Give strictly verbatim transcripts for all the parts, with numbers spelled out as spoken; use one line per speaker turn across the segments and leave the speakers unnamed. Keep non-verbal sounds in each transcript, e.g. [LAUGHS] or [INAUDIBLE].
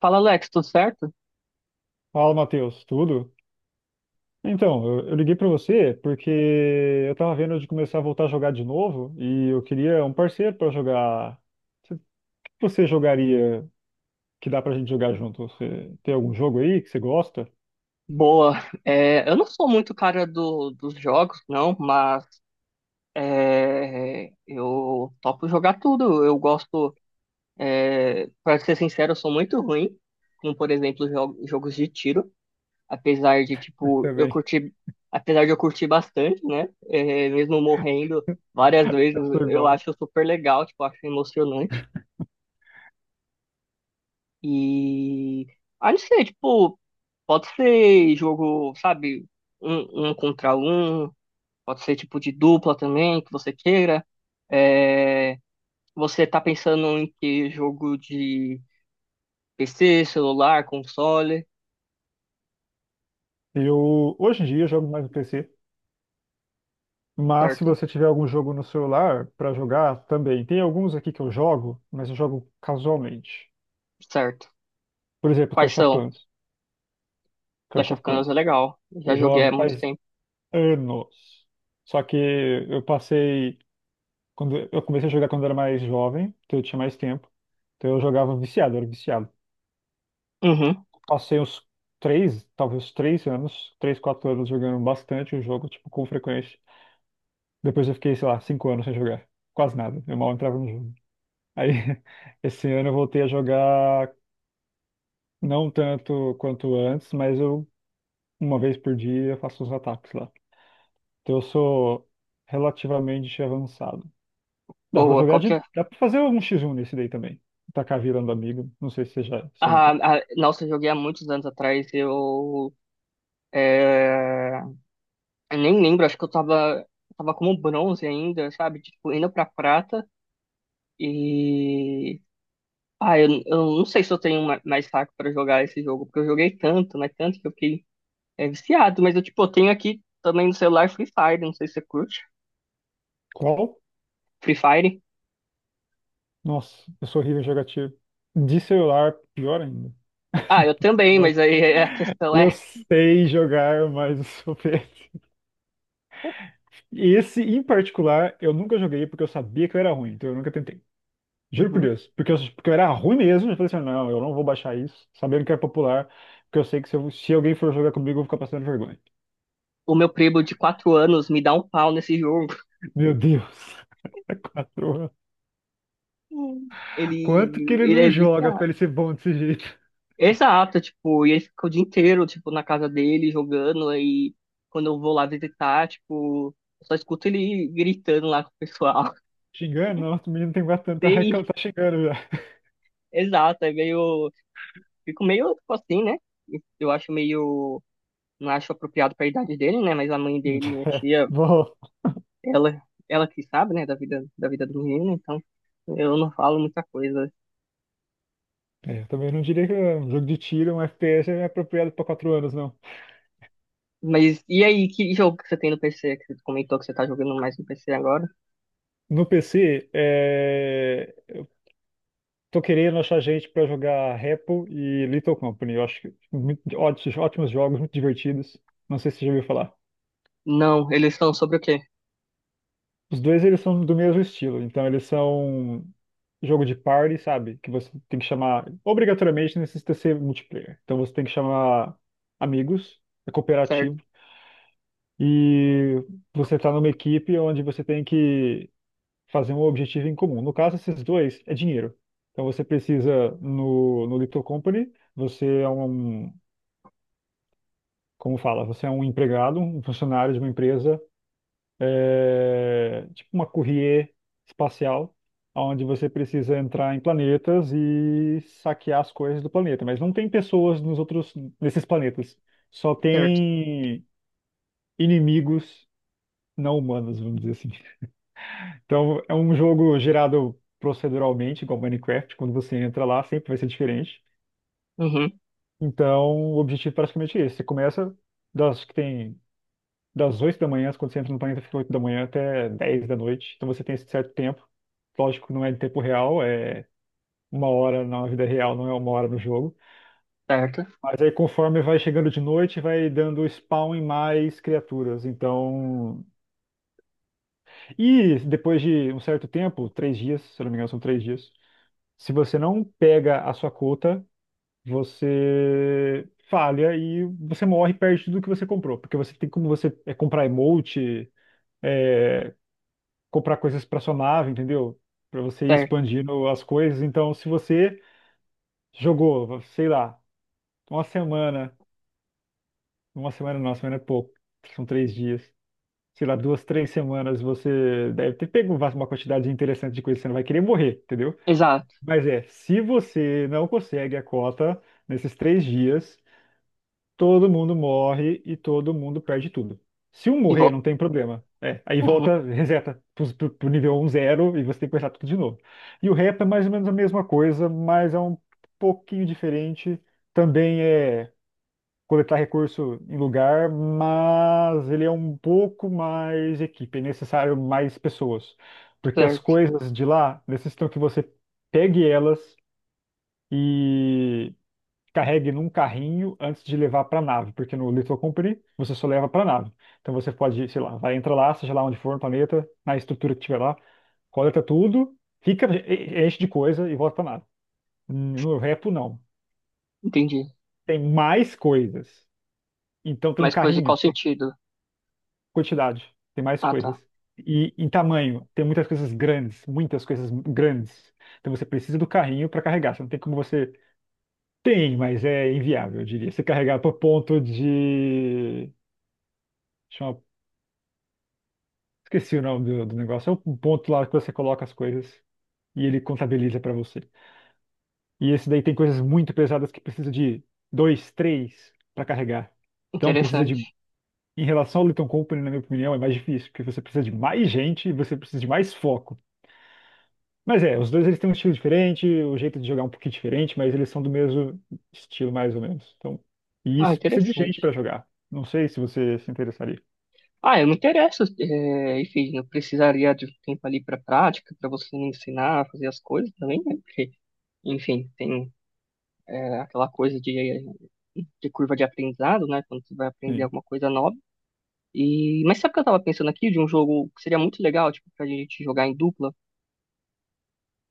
Fala, Alex, tudo certo?
Fala, Matheus, tudo? Então, eu, eu liguei pra você porque eu tava vendo de começar a voltar a jogar de novo e eu queria um parceiro pra jogar. O que você jogaria que dá pra gente jogar junto? Você tem algum jogo aí que você gosta?
Boa. É, eu não sou muito cara do, dos jogos, não, mas é, eu topo jogar tudo. Eu gosto, pra ser sincero, eu sou muito ruim, como por exemplo, jo- jogos de tiro. Apesar de, tipo, eu
Também.
curti, apesar de eu curtir bastante, né? É, mesmo morrendo várias
[LAUGHS]
vezes,
Eu sou
eu
igual.
acho super legal, tipo, acho emocionante. E, ah, não sei, tipo, pode ser jogo, sabe, um, um contra um. Pode ser tipo de dupla também, que você queira. É, você tá pensando em que jogo de P C, celular, console,
Eu, hoje em dia, jogo mais no P C, mas se
certo?
você tiver algum jogo no celular pra jogar, também. Tem alguns aqui que eu jogo, mas eu jogo casualmente.
Certo.
Por exemplo,
Quais
Clash of
são?
Clans. Clash
Clash of
of
Clans é
Clans.
legal. Já
Eu
joguei há
jogo
muito
faz
tempo.
anos. Só que eu passei quando eu comecei a jogar quando era mais jovem, então eu tinha mais tempo. Então eu jogava viciado, eu era viciado.
Uhum.
Passei uns três, talvez três anos, três, quatro anos jogando bastante o jogo, tipo, com frequência. Depois eu fiquei, sei lá, cinco anos sem jogar. Quase nada. Eu mal entrava no jogo. Aí, [LAUGHS] esse ano eu voltei a jogar não tanto quanto antes, mas eu, uma vez por dia, faço os ataques lá. Então eu sou relativamente avançado. Dá pra
Boa.
jogar
Qual
de.
que é?
Dá pra fazer algum xis um X um nesse daí também. Tacar virando amigo. Não sei se você já
Ah,
experimentou.
ah, nossa, eu joguei há muitos anos atrás. Eu, é, eu nem lembro, acho que eu tava, tava como bronze ainda, sabe? Tipo, indo pra prata. E ah, eu, eu não sei se eu tenho ma- mais saco pra jogar esse jogo, porque eu joguei tanto, mas tanto que eu fiquei é, viciado. Mas eu, tipo, eu tenho aqui também no celular Free Fire, não sei se você curte.
Qual?
Free Fire?
Nossa, eu sou horrível em jogar tiro. De celular, pior ainda.
Ah, eu também, mas
[LAUGHS]
aí é- [LAUGHS] a questão
Eu
é...
sei jogar, mas eu sou péssimo. E esse em particular, eu nunca joguei porque eu sabia que eu era ruim, então eu nunca tentei. Juro por
Uhum.
Deus. Porque eu, porque eu era ruim mesmo, eu falei assim: não, eu não vou baixar isso, sabendo que é popular, porque eu sei que se, eu- se alguém for jogar comigo, eu vou ficar passando vergonha.
O meu primo de quatro anos me dá um pau nesse jogo.
Meu Deus. [LAUGHS] Quatro.
Hum. Ele,
Quanto que ele
ele
não
é
joga pra
viciado.
ele ser bom desse jeito?
Exato, tipo, e ele fica o dia inteiro, tipo, na casa dele jogando, aí quando eu vou lá visitar, tipo, eu só escuto ele gritando lá com o pessoal.
Xingando? Nossa, o menino tem
[LAUGHS]
bastante tanto, tá,
Sim,
reclam- tá xingando já.
exato, é meio. Fico meio, tipo assim, né? Eu acho meio. Não acho apropriado para a idade dele, né? Mas a mãe dele, minha
[LAUGHS]
tia,
Bom,
ela, ela que sabe, né? Da vida, da vida do menino, então eu não falo muita coisa.
é, eu também não diria que é um jogo de tiro, um F P S é apropriado pra quatro anos, não.
Mas e aí, que jogo que você tem no P C? Que você comentou que você tá jogando mais no P C agora?
No P C, é, eu tô querendo achar gente pra jogar Repo e Little Company. Eu acho que muito- ótimos, ótimos jogos, muito divertidos. Não sei se você já ouviu falar.
Não, eles estão sobre o quê?
Os dois eles são do mesmo estilo, então eles são jogo de party, sabe? Que você tem que chamar, obrigatoriamente necessita ser multiplayer. Então você tem que chamar amigos, é
Certo,
cooperativo, e você tá numa equipe onde você tem que fazer um objetivo em comum. No caso, esses dois é dinheiro. Então você precisa, no, no Little Company, você é um, como fala, você é um empregado, um funcionário de uma empresa, é, tipo uma courrier espacial, onde você precisa entrar em planetas e saquear as coisas do planeta. Mas não tem pessoas nos outros, nesses planetas. Só
certo.
tem inimigos não humanos, vamos dizer assim. Então é um jogo gerado proceduralmente, igual Minecraft. Quando você entra lá, sempre vai ser diferente.
Uhum,
Então o objetivo é praticamente esse. Você começa das que tem das oito da manhã, quando você entra no planeta, fica oito da manhã até dez da noite. Então você tem esse certo tempo. Lógico, não é em tempo real, é uma hora na vida real, não é uma hora no jogo.
certo,
Mas aí, conforme vai chegando de noite, vai dando spawn em mais criaturas. Então. E depois de um certo tempo, três dias, se eu não me engano, são três dias. Se você não pega a sua cota, você falha e você morre e perde tudo que você comprou. Porque você tem como você é, comprar emote, é, comprar coisas para sua nave, entendeu? Para você ir
certo.
expandindo as coisas. Então, se você jogou, sei lá, uma semana, uma semana não, uma semana é pouco, são três dias, sei lá, duas, três semanas, você deve ter pego uma quantidade interessante de coisas, você não vai querer morrer, entendeu?
Exato.
Mas é, se você não consegue a cota nesses três dias, todo mundo morre e todo mundo perde tudo. Se um
E
morrer,
volta.
não tem problema. É, aí
Uhum,
volta, reseta pro, pro- pro nível um zero e você tem que começar tudo de novo. E o rap é mais ou menos a mesma coisa, mas é um pouquinho diferente. Também é coletar recurso em lugar, mas ele é um pouco mais equipe, é necessário mais pessoas. Porque as
certo,
coisas de lá necessitam que você pegue elas, carregue num carrinho antes de levar para a nave, porque no Little Company você só leva para a nave. Então você pode, sei lá, vai entrar lá, seja lá onde for no planeta, na estrutura que tiver lá, coleta tudo, fica, e- enche de coisa e volta para a nave. No Repo, não.
entendi.
Tem mais coisas. Então tem um
Mas coisa em
carrinho,
qual
tem
sentido?
quantidade, tem mais
Ah,
coisas.
tá.
E em tamanho, tem muitas coisas grandes, muitas coisas grandes. Então você precisa do carrinho para carregar. Você não tem como você. Tem, mas é inviável, eu diria. Você carregar para o ponto de. Chama. Esqueci o nome do, do negócio. É um ponto lá que você coloca as coisas e ele contabiliza para você. E esse daí tem coisas muito pesadas que precisa de dois, três para carregar. Então precisa
Interessante.
de, em relação ao Lithium Company, na minha opinião, é mais difícil, porque você precisa de mais gente e você precisa de mais foco. Mas é, os dois eles têm um estilo diferente, o jeito de jogar é um pouquinho diferente, mas eles são do mesmo estilo, mais ou menos. Então, e
Ah,
isso precisa de
interessante.
gente para jogar. Não sei se você se interessaria.
Ah, eu me interesso, é, enfim, eu precisaria de um tempo ali para prática, para você me ensinar a fazer as coisas também, né? Porque, enfim, tem é, aquela coisa de, de curva de aprendizado, né? Quando você vai aprender
Sim.
alguma coisa nova. E, mas sabe o que eu tava pensando aqui de um jogo que seria muito legal, tipo, pra gente jogar em dupla?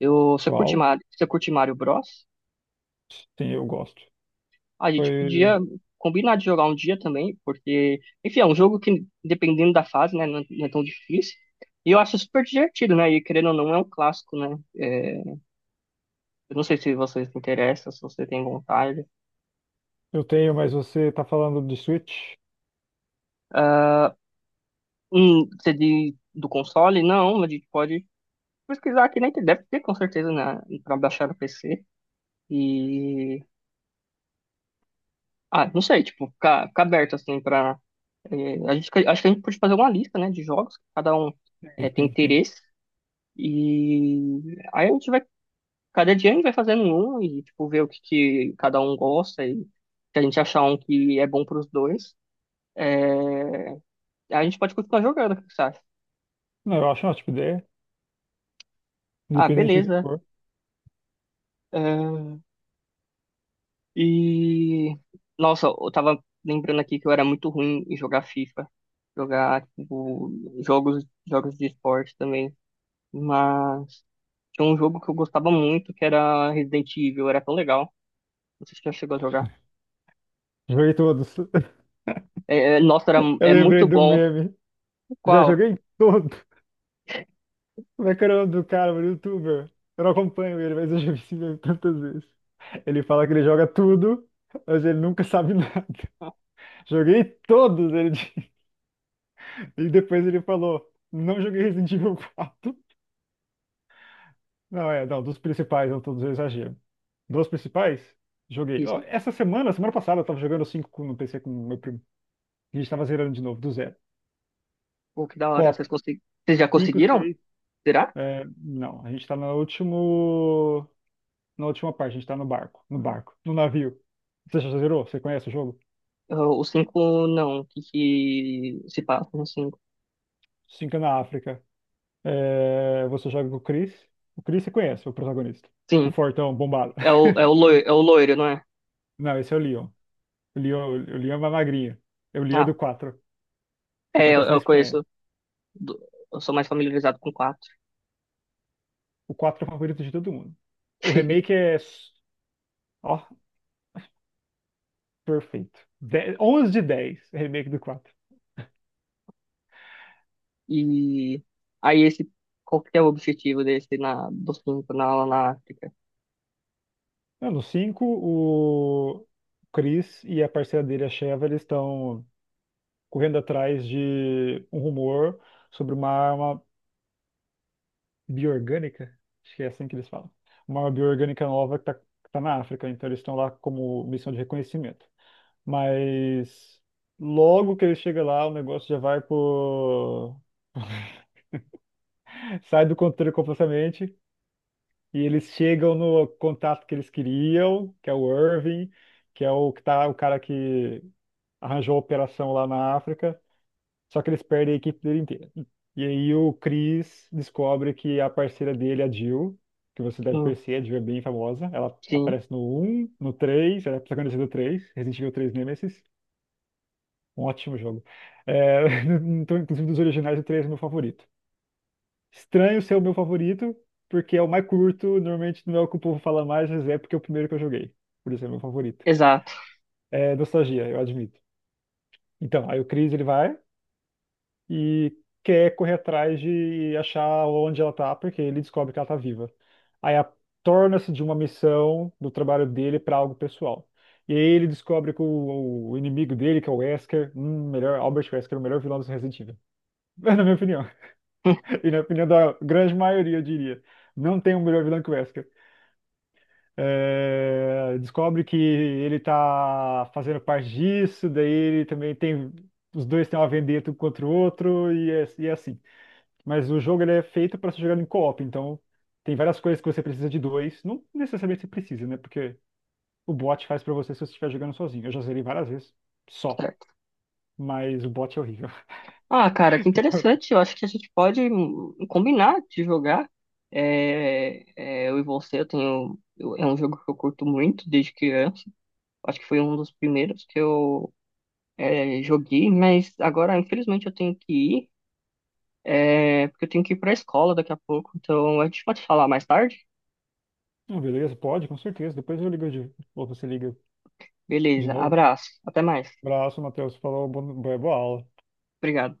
Eu, você curte
Qual?
Mario, você curte Mario Bros?
Sim, eu gosto.
A gente
Foi.
podia combinar de jogar um dia também, porque, enfim, é um jogo que, dependendo da fase, né, não é, não é tão difícil. E eu acho super divertido, né? E querendo ou não, é um clássico, né? É, eu não sei se vocês se interessam, se você tem vontade.
Eu tenho, mas você tá falando de Switch?
Ah, um C D do console? Não, a gente pode pesquisar aqui na internet. Deve ter, com certeza, né? Pra baixar no P C. E. Ah, não sei, tipo, ficar, ficar aberto, assim, pra. é, a gente, acho que a gente pode fazer uma lista, né? De jogos que cada um é,
Sim,
tem
sim, sim.
interesse. E aí a gente vai, cada dia a gente vai fazendo um e, tipo, ver o que, que cada um gosta e se a gente achar um que é bom pros dois, é, a gente pode continuar jogando, o que você acha?
Não, eu acho uma ótima ideia,
Ah,
independente do que
beleza.
for.
É, E, nossa, eu tava lembrando aqui que eu era muito ruim em jogar FIFA, jogar, tipo, jogos, jogos de esporte também, mas tinha um jogo que eu gostava muito que era Resident Evil, era tão legal, não sei se você já chegou a jogar.
Joguei todos. [LAUGHS]
É, é, nossa, era,
Eu
é
lembrei
muito
do
bom.
meme. Já
Qual?
joguei todo. Como é que era o nome do cara, mano, youtuber? Eu não acompanho ele, mas eu já vi esse meme tantas vezes. Ele fala que ele joga tudo, mas ele nunca sabe [LAUGHS] nada. Joguei todos, ele [LAUGHS] diz. E depois ele falou, não joguei Resident Evil quatro. Não, é, não, dos principais, não todos eu exagero. Dos principais, joguei. Ó,
Isso.
essa semana, semana passada, eu tava jogando cinco no P C com o meu primo. A gente tava zerando de novo, do zero.
Pô, que da hora. Vocês,
Cop.
consegui... Vocês já
Cinco,
conseguiram?
seis.
Será?
É, não, a gente tá no último. Na última parte, a gente tá no barco. No barco, no navio. Você já zerou? Você conhece o jogo?
Ah, o cinco não. O que que se passa no cinco?
Cinco é na África. É, você joga com o Chris. O Chris você conhece, o protagonista. O
Sim.
fortão, bombado.
É o, é o
[LAUGHS]
loiro, é o loiro, não é?
Não, esse é o Leon. O Leon, o Leon é uma magrinha. É o Leon é
Ah,
do quatro, que
é, eu,
acontece na
eu
Espanha.
conheço. do- Eu sou mais familiarizado com quatro.
O quatro é o favorito de todo mundo. O remake
[LAUGHS]
é, ó, perfeito. Dez- onze de dez o remake do quatro.
E aí esse. Qual que é o objetivo desse na, do cinco na, lá na África?
Não, no cinco o Chris e a parceira dele, a Sheva, eles estão correndo atrás de um rumor sobre uma arma bioorgânica. Acho que é assim que eles falam. Uma arma bioorgânica nova que tá, que tá na África. Então eles estão lá como missão de reconhecimento. Mas logo que ele chega lá, o negócio já vai pro. Sai do controle completamente e eles chegam no contato que eles queriam, que é o Irving, que é o que tá, o cara que arranjou a operação lá na África, só que eles perdem a equipe dele inteira. E aí o Chris descobre que a parceira dele, a Jill, que você deve
Hum,
conhecer, a Jill é bem famosa, ela
sim.
aparece no um no três, ela é protagonista do três, Resident Evil três Nemesis, um ótimo jogo. É, [LAUGHS] então, inclusive dos originais, o três é meu favorito. Estranho ser o meu favorito, porque é o mais curto, normalmente não é o que o povo fala mais, mas é porque é o primeiro que eu joguei. Por isso é meu favorito.
Exato.
É nostalgia, eu admito. Então, aí o Chris ele vai e quer correr atrás de achar onde ela tá, porque ele descobre que ela tá viva. Aí a- Torna-se de uma missão do trabalho dele para algo pessoal. E aí ele descobre que o, o inimigo dele, que é o Wesker, hum, melhor, Albert Wesker, o melhor vilão do Resident Evil. [LAUGHS] Na minha opinião. E na opinião da grande maioria, eu diria. Não tem um melhor vilão que o Wesker. É, descobre que ele tá fazendo parte disso, daí ele também tem. Os dois têm uma vendetta um contra o outro e é, e é assim. Mas o jogo ele é feito para ser jogado em co-op, então tem várias coisas que você precisa de dois. Não necessariamente você precisa, né? Porque o bot faz para você se você estiver jogando sozinho. Eu já zerei várias vezes, só.
[LAUGHS]
Mas o bot é horrível. [LAUGHS]
Ah, cara, que interessante. Eu acho que a gente pode hum, hum, combinar de jogar. É, é, eu e você, eu tenho. eu- é um jogo que eu curto muito desde criança. Acho que foi um dos primeiros que eu é, joguei, mas agora, infelizmente, eu tenho que ir, é, porque eu tenho que ir pra escola daqui a pouco. Então, a gente pode falar mais tarde?
Hum, beleza, pode, com certeza. Depois eu ligo de. Ou você liga de
Beleza,
novo.
abraço, até mais.
Abraço, Matheus. Falou, boa boa aula.
Obrigado.